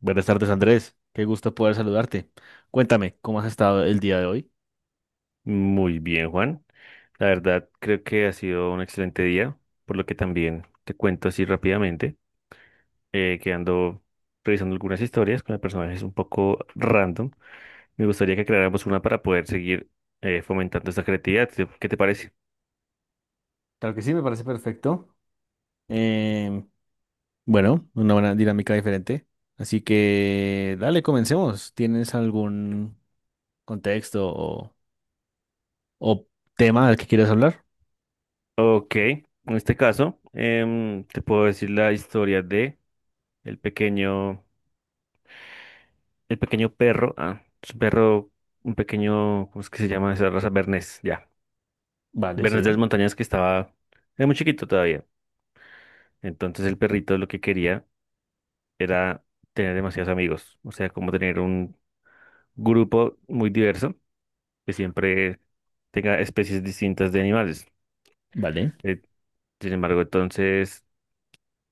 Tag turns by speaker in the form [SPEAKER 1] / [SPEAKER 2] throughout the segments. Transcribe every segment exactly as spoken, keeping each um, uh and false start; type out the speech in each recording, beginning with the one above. [SPEAKER 1] Buenas tardes, Andrés. Qué gusto poder saludarte. Cuéntame, ¿cómo has estado el día de hoy?
[SPEAKER 2] Muy bien, Juan. La verdad, creo que ha sido un excelente día, por lo que también te cuento así rápidamente, eh, que ando revisando algunas historias con personajes un poco random. Me gustaría que creáramos una para poder seguir eh, fomentando esta creatividad. ¿Te- ¿Qué te parece?
[SPEAKER 1] Claro que sí, me parece perfecto. Em, bueno, una buena dinámica diferente. Así que, dale, comencemos. ¿Tienes algún contexto o, o tema del que quieras hablar?
[SPEAKER 2] Ok. En este caso, em, te puedo decir la historia de el pequeño, el pequeño perro, ah, es un perro, un pequeño, ¿cómo es que se llama esa raza? Bernés, ya.
[SPEAKER 1] Vale,
[SPEAKER 2] Bernés de
[SPEAKER 1] sí.
[SPEAKER 2] las Montañas que estaba, era muy chiquito todavía. Entonces el perrito lo que quería era tener demasiados amigos, o sea, como tener un grupo muy diverso que siempre tenga especies distintas de animales.
[SPEAKER 1] Vale,
[SPEAKER 2] Eh, Sin embargo, entonces,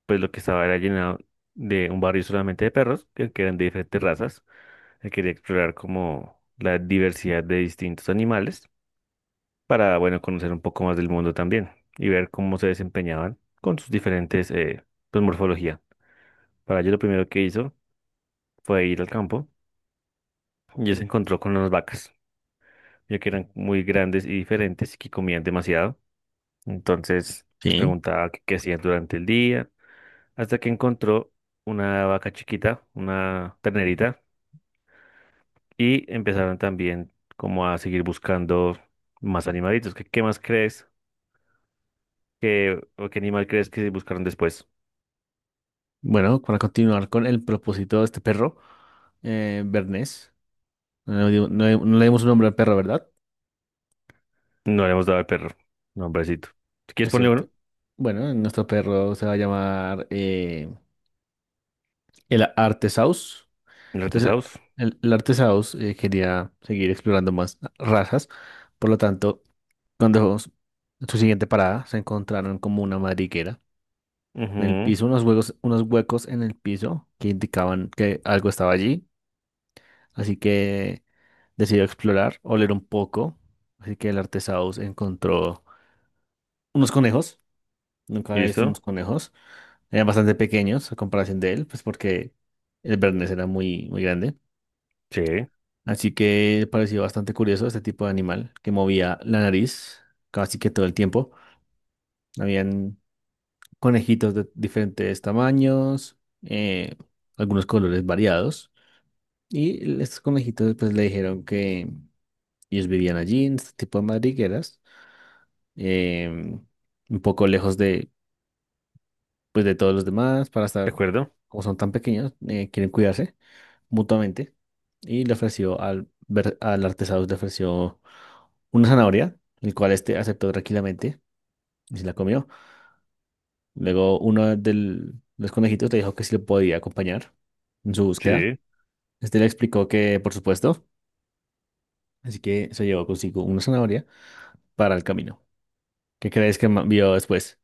[SPEAKER 2] pues lo que estaba era llenado de un barrio solamente de perros, que, que eran de diferentes razas. Él quería explorar como la diversidad de distintos animales para, bueno, conocer un poco más del mundo también y ver cómo se desempeñaban con sus diferentes, eh, pues, morfología. Para ello lo primero que hizo fue ir al campo y él se encontró con unas vacas, ya que eran muy grandes y diferentes y que comían demasiado. Entonces les
[SPEAKER 1] sí.
[SPEAKER 2] preguntaba qué, qué hacían durante el día, hasta que encontró una vaca chiquita, una ternerita, y empezaron también como a seguir buscando más animalitos. ¿Qué, qué más crees que, o qué animal crees que buscaron después?
[SPEAKER 1] Bueno, para continuar con el propósito de este perro, eh, Bernés. No, le dio- no le no le dimos un nombre al perro, ¿verdad?
[SPEAKER 2] No le hemos dado al perro, nombrecito. Si quieres
[SPEAKER 1] Es
[SPEAKER 2] ponle
[SPEAKER 1] cierto.
[SPEAKER 2] uno,
[SPEAKER 1] Bueno, nuestro perro se va a llamar eh, El Artesaurus.
[SPEAKER 2] el
[SPEAKER 1] Entonces,
[SPEAKER 2] retesaus.
[SPEAKER 1] el, el Artesaurus eh, quería seguir explorando más razas. Por lo tanto, cuando s- en su siguiente parada se encontraron como una madriguera. En el
[SPEAKER 2] Ujú.
[SPEAKER 1] piso, unos huecos, unos huecos en el piso que indicaban que algo estaba allí. Así que decidió explorar, oler un poco. Así que el Artesaurus encontró unos conejos. Nunca había visto
[SPEAKER 2] ¿Listo?
[SPEAKER 1] unos conejos. Eran bastante pequeños a comparación de él, pues porque el Bernés era muy, muy grande.
[SPEAKER 2] Sí, ¿de
[SPEAKER 1] Así que pareció bastante curioso este tipo de animal que movía la nariz casi que todo el tiempo. Habían conejitos de diferentes tamaños, eh, algunos colores variados. Y estos conejitos pues le dijeron que ellos vivían allí en este tipo de madrigueras, eh, un poco lejos de, pues, de todos los demás para estar,
[SPEAKER 2] acuerdo?
[SPEAKER 1] como son tan pequeños, eh, quieren cuidarse mutuamente y le ofreció al, ver- al Artesaurus, le ofreció una zanahoria, el cual este aceptó tranquilamente y se la comió. Luego uno de los conejitos le dijo que sí lo podía acompañar en su búsqueda.
[SPEAKER 2] Sí.
[SPEAKER 1] Este le explicó que, por supuesto, así que se llevó consigo una zanahoria para el camino. ¿Qué crees que ma- vio después?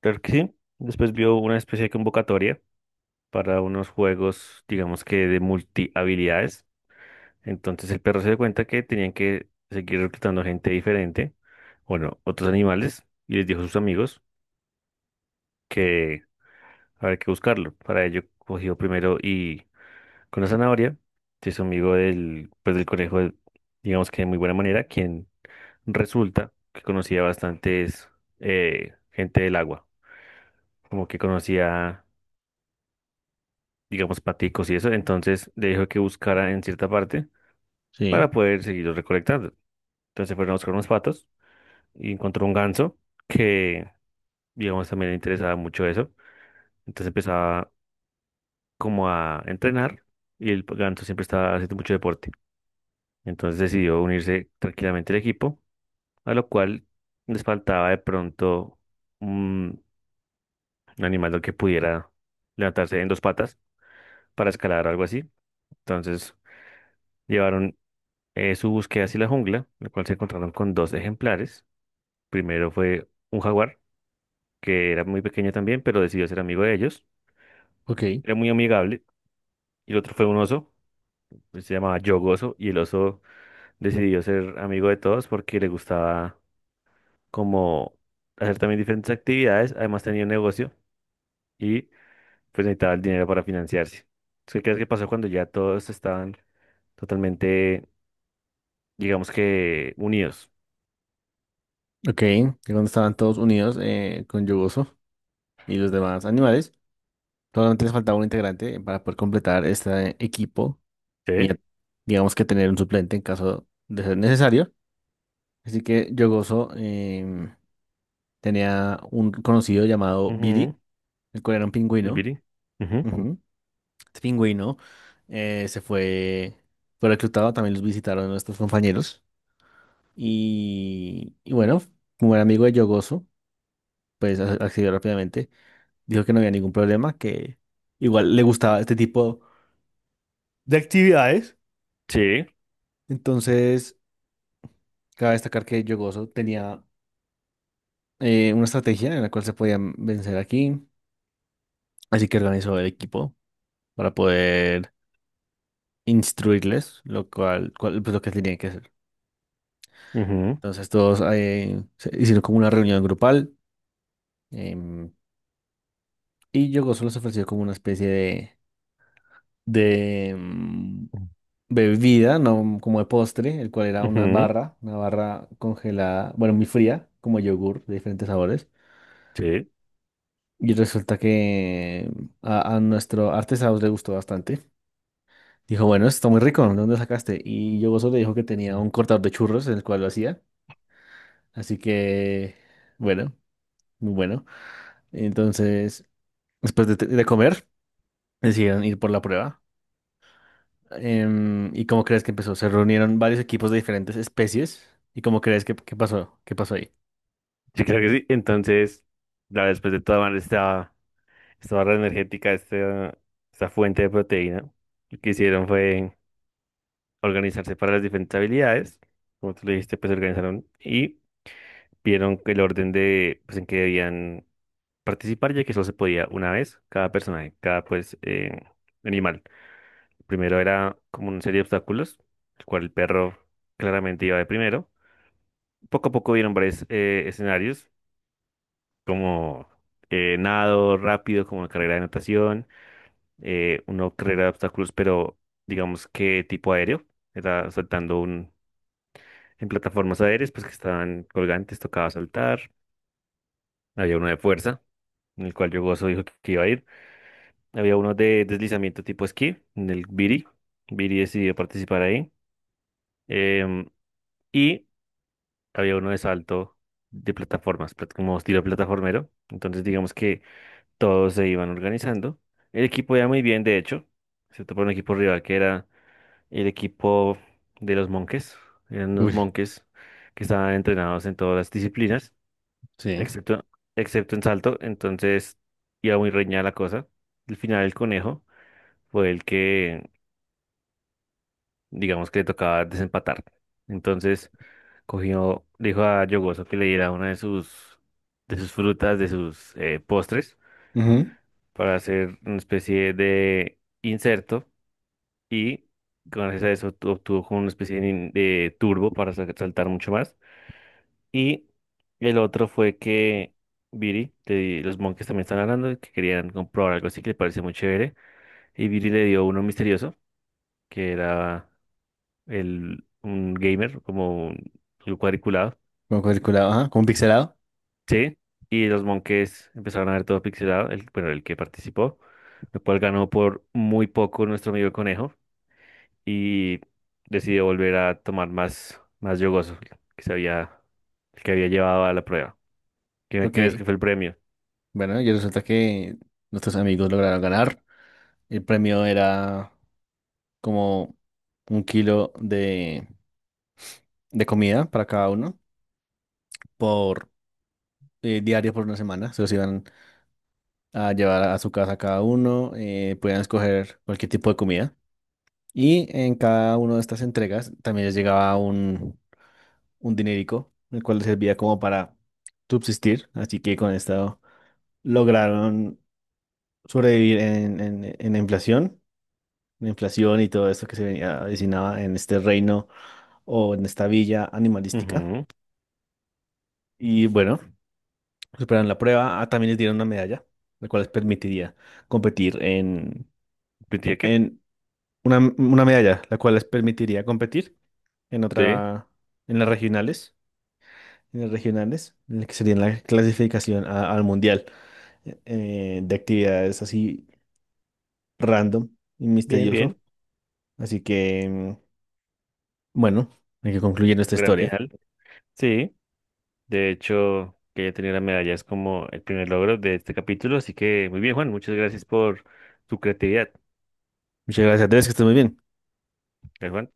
[SPEAKER 2] Claro que sí. Después vio una especie de convocatoria para unos juegos, digamos que de multi habilidades. Entonces el perro se dio cuenta que tenían que seguir reclutando gente diferente, bueno, otros animales, y les dijo a sus amigos que había que buscarlo. Para ello cogió primero y con la zanahoria, que es amigo del, pues, del conejo, de- digamos que de muy buena manera, quien resulta que conocía bastantes eh, gente del agua, como que conocía digamos, paticos y eso, entonces le dijo que buscara en cierta parte
[SPEAKER 1] Sí,
[SPEAKER 2] para poder seguirlos recolectando. Entonces fueron a buscar unos patos y encontró un ganso que, digamos, también le interesaba mucho eso. Entonces empezaba como a entrenar y el ganso siempre estaba haciendo mucho deporte. Entonces decidió unirse tranquilamente al equipo, a lo cual les faltaba de pronto un un animal que pudiera levantarse en dos patas para escalar o algo así. Entonces llevaron eh, su búsqueda hacia la jungla, en la cual se encontraron con dos ejemplares. Primero fue un jaguar, que era muy pequeño también, pero decidió ser amigo de ellos.
[SPEAKER 1] ok,
[SPEAKER 2] Era muy amigable. Y el otro fue un oso, pues, se llamaba Yogoso, y el oso decidió ser amigo de todos porque le gustaba como hacer también diferentes actividades. Además tenía un negocio y pues necesitaba el dinero para financiarse. Entonces, ¿qué crees que pasó cuando ya todos estaban totalmente, digamos que, unidos?
[SPEAKER 1] ok. Y cuando estaban todos unidos eh, con Yugoso y los demás animales, solamente les faltaba un integrante para poder completar este equipo y
[SPEAKER 2] Sí.
[SPEAKER 1] a- digamos que tener un suplente en caso de ser necesario. Así que yo gozo, em, tenía un conocido llamado Billy,
[SPEAKER 2] Ujú.
[SPEAKER 1] el cual era un
[SPEAKER 2] ¿El
[SPEAKER 1] pingüino.
[SPEAKER 2] biri? Ujú.
[SPEAKER 1] Ujú. Este pingüino eh, se fue, fue reclutado, también los visitaron nuestros compañeros. Y, y bueno, como era amigo de yo pues a- accedió rápidamente. Dijo que no había ningún problema, que igual le gustaba este tipo de actividades.
[SPEAKER 2] Sí.
[SPEAKER 1] Entonces, cabe destacar que Yogoso tenía eh, una estrategia en la cual se podían vencer aquí. Así que organizó el equipo para poder instruirles lo cual, cual- pues, lo que tenían que hacer.
[SPEAKER 2] Ujú,
[SPEAKER 1] Entonces todos eh, se hicieron como una reunión grupal em, y Yogo solo se ofreció como una especie de, de em, bebida, no como de postre, el cual era una
[SPEAKER 2] ujú,
[SPEAKER 1] barra, una barra congelada, bueno, muy fría, como yogur de diferentes sabores.
[SPEAKER 2] sí,
[SPEAKER 1] Y resulta que a, a nuestro artesanos le gustó bastante. Dijo, bueno, esto está muy rico, ¿de dónde lo sacaste? Y yo gozo le dijo que tenía un cortador de churros en el cual lo hacía. Así que, bueno, muy bueno. Entonces, después de, de comer, decidieron ir por la prueba. Em, ¿y cómo crees que empezó? Se reunieron varios equipos de diferentes especies. ¿Y cómo crees que, que pasó? ¿Qué pasó ahí?
[SPEAKER 2] yo creo que sí. Entonces, la después de tomar esta, esta barra energética, esta, esta fuente de proteína, lo que hicieron fue organizarse para las diferentes habilidades. Como tú le dijiste, pues se organizaron y vieron el orden de, pues, en que debían participar, ya que solo se podía una vez cada personaje, cada, pues, eh, animal. Primero era como una serie de obstáculos, el cual el perro claramente iba de primero. Poco a poco vieron varios eh, escenarios como eh, nado rápido, como carrera de natación, eh, uno carrera de obstáculos, pero digamos que tipo aéreo, era saltando un, en plataformas aéreas, pues que estaban colgantes, tocaba saltar, había uno de fuerza, en el cual yo gozo dijo que iba a ir, había uno de deslizamiento tipo esquí, en el Biri, Biri decidió participar ahí, em, y había uno de salto de plataformas, plat- como estilo plataformero, entonces digamos que todos se iban organizando. El equipo iba muy bien, de hecho. Se topó un equipo rival que era el equipo de los monjes. Eran unos
[SPEAKER 1] Uy,
[SPEAKER 2] monjes que estaban entrenados en todas las disciplinas,
[SPEAKER 1] sí.
[SPEAKER 2] excepto, excepto en salto. Entonces iba muy reñida la cosa. Al final el conejo fue el que, digamos que le tocaba desempatar. Entonces cogió, dijo a Yogoso que le diera una de sus, de sus frutas, de sus eh, postres,
[SPEAKER 1] Ujú.
[SPEAKER 2] para hacer una especie de inserto y gracias a eso tu- obtuvo como una especie de, nin- de turbo para sa- saltar mucho más. Y el otro fue que Viri, le- los monjes también están hablando de que querían comprobar algo así que le parece muy chévere. Y Viri le dio uno misterioso, que era el, un gamer, como un, un cuadriculado.
[SPEAKER 1] Como cuadriculado, ajá, como pixelado.
[SPEAKER 2] Sí. Y los monjes empezaron a ver todo pixelado, el, bueno, el que participó, lo cual ganó por muy poco nuestro amigo conejo. Y decidió volver a tomar más, más yogoso que se había, que había llevado a la prueba. ¿Qué crees que
[SPEAKER 1] Ok.
[SPEAKER 2] fue el premio?
[SPEAKER 1] Bueno, y resulta que nuestros amigos lograron ganar. El premio era como un kilo de de comida para cada uno por eh, diario por una semana. Se los iban a llevar a su casa cada uno, eh, podían escoger cualquier tipo de comida. Y en cada una de estas entregas también les llegaba un, un dinerico, el cual les servía como para subsistir. Así que con esto lograron sobrevivir en, en, en la inflación, la inflación y todo esto que se venía, avecinaba en este reino o en esta villa animalística.
[SPEAKER 2] Ujú.
[SPEAKER 1] Y bueno. Superan la prueba. Ah, también les dieron una medalla, la cual les permitiría competir en,
[SPEAKER 2] Pensé que-
[SPEAKER 1] en una, una medalla, la cual les permitiría competir en
[SPEAKER 2] Sí,
[SPEAKER 1] otra, en las regionales, en las regionales, en la que sería la clasificación a- al mundial eh, eh, de actividades así random y
[SPEAKER 2] bien,
[SPEAKER 1] misterioso.
[SPEAKER 2] bien.
[SPEAKER 1] Así que, mm, bueno, hay que concluir nuestra
[SPEAKER 2] Gran
[SPEAKER 1] historia.
[SPEAKER 2] final. Sí, de hecho, que ya tenía la medalla es como el primer logro de este capítulo, así que muy bien, Juan. Muchas gracias por tu creatividad.
[SPEAKER 1] Muchas gracias, Andrés, que estés muy bien.
[SPEAKER 2] ¿Eh, Juan?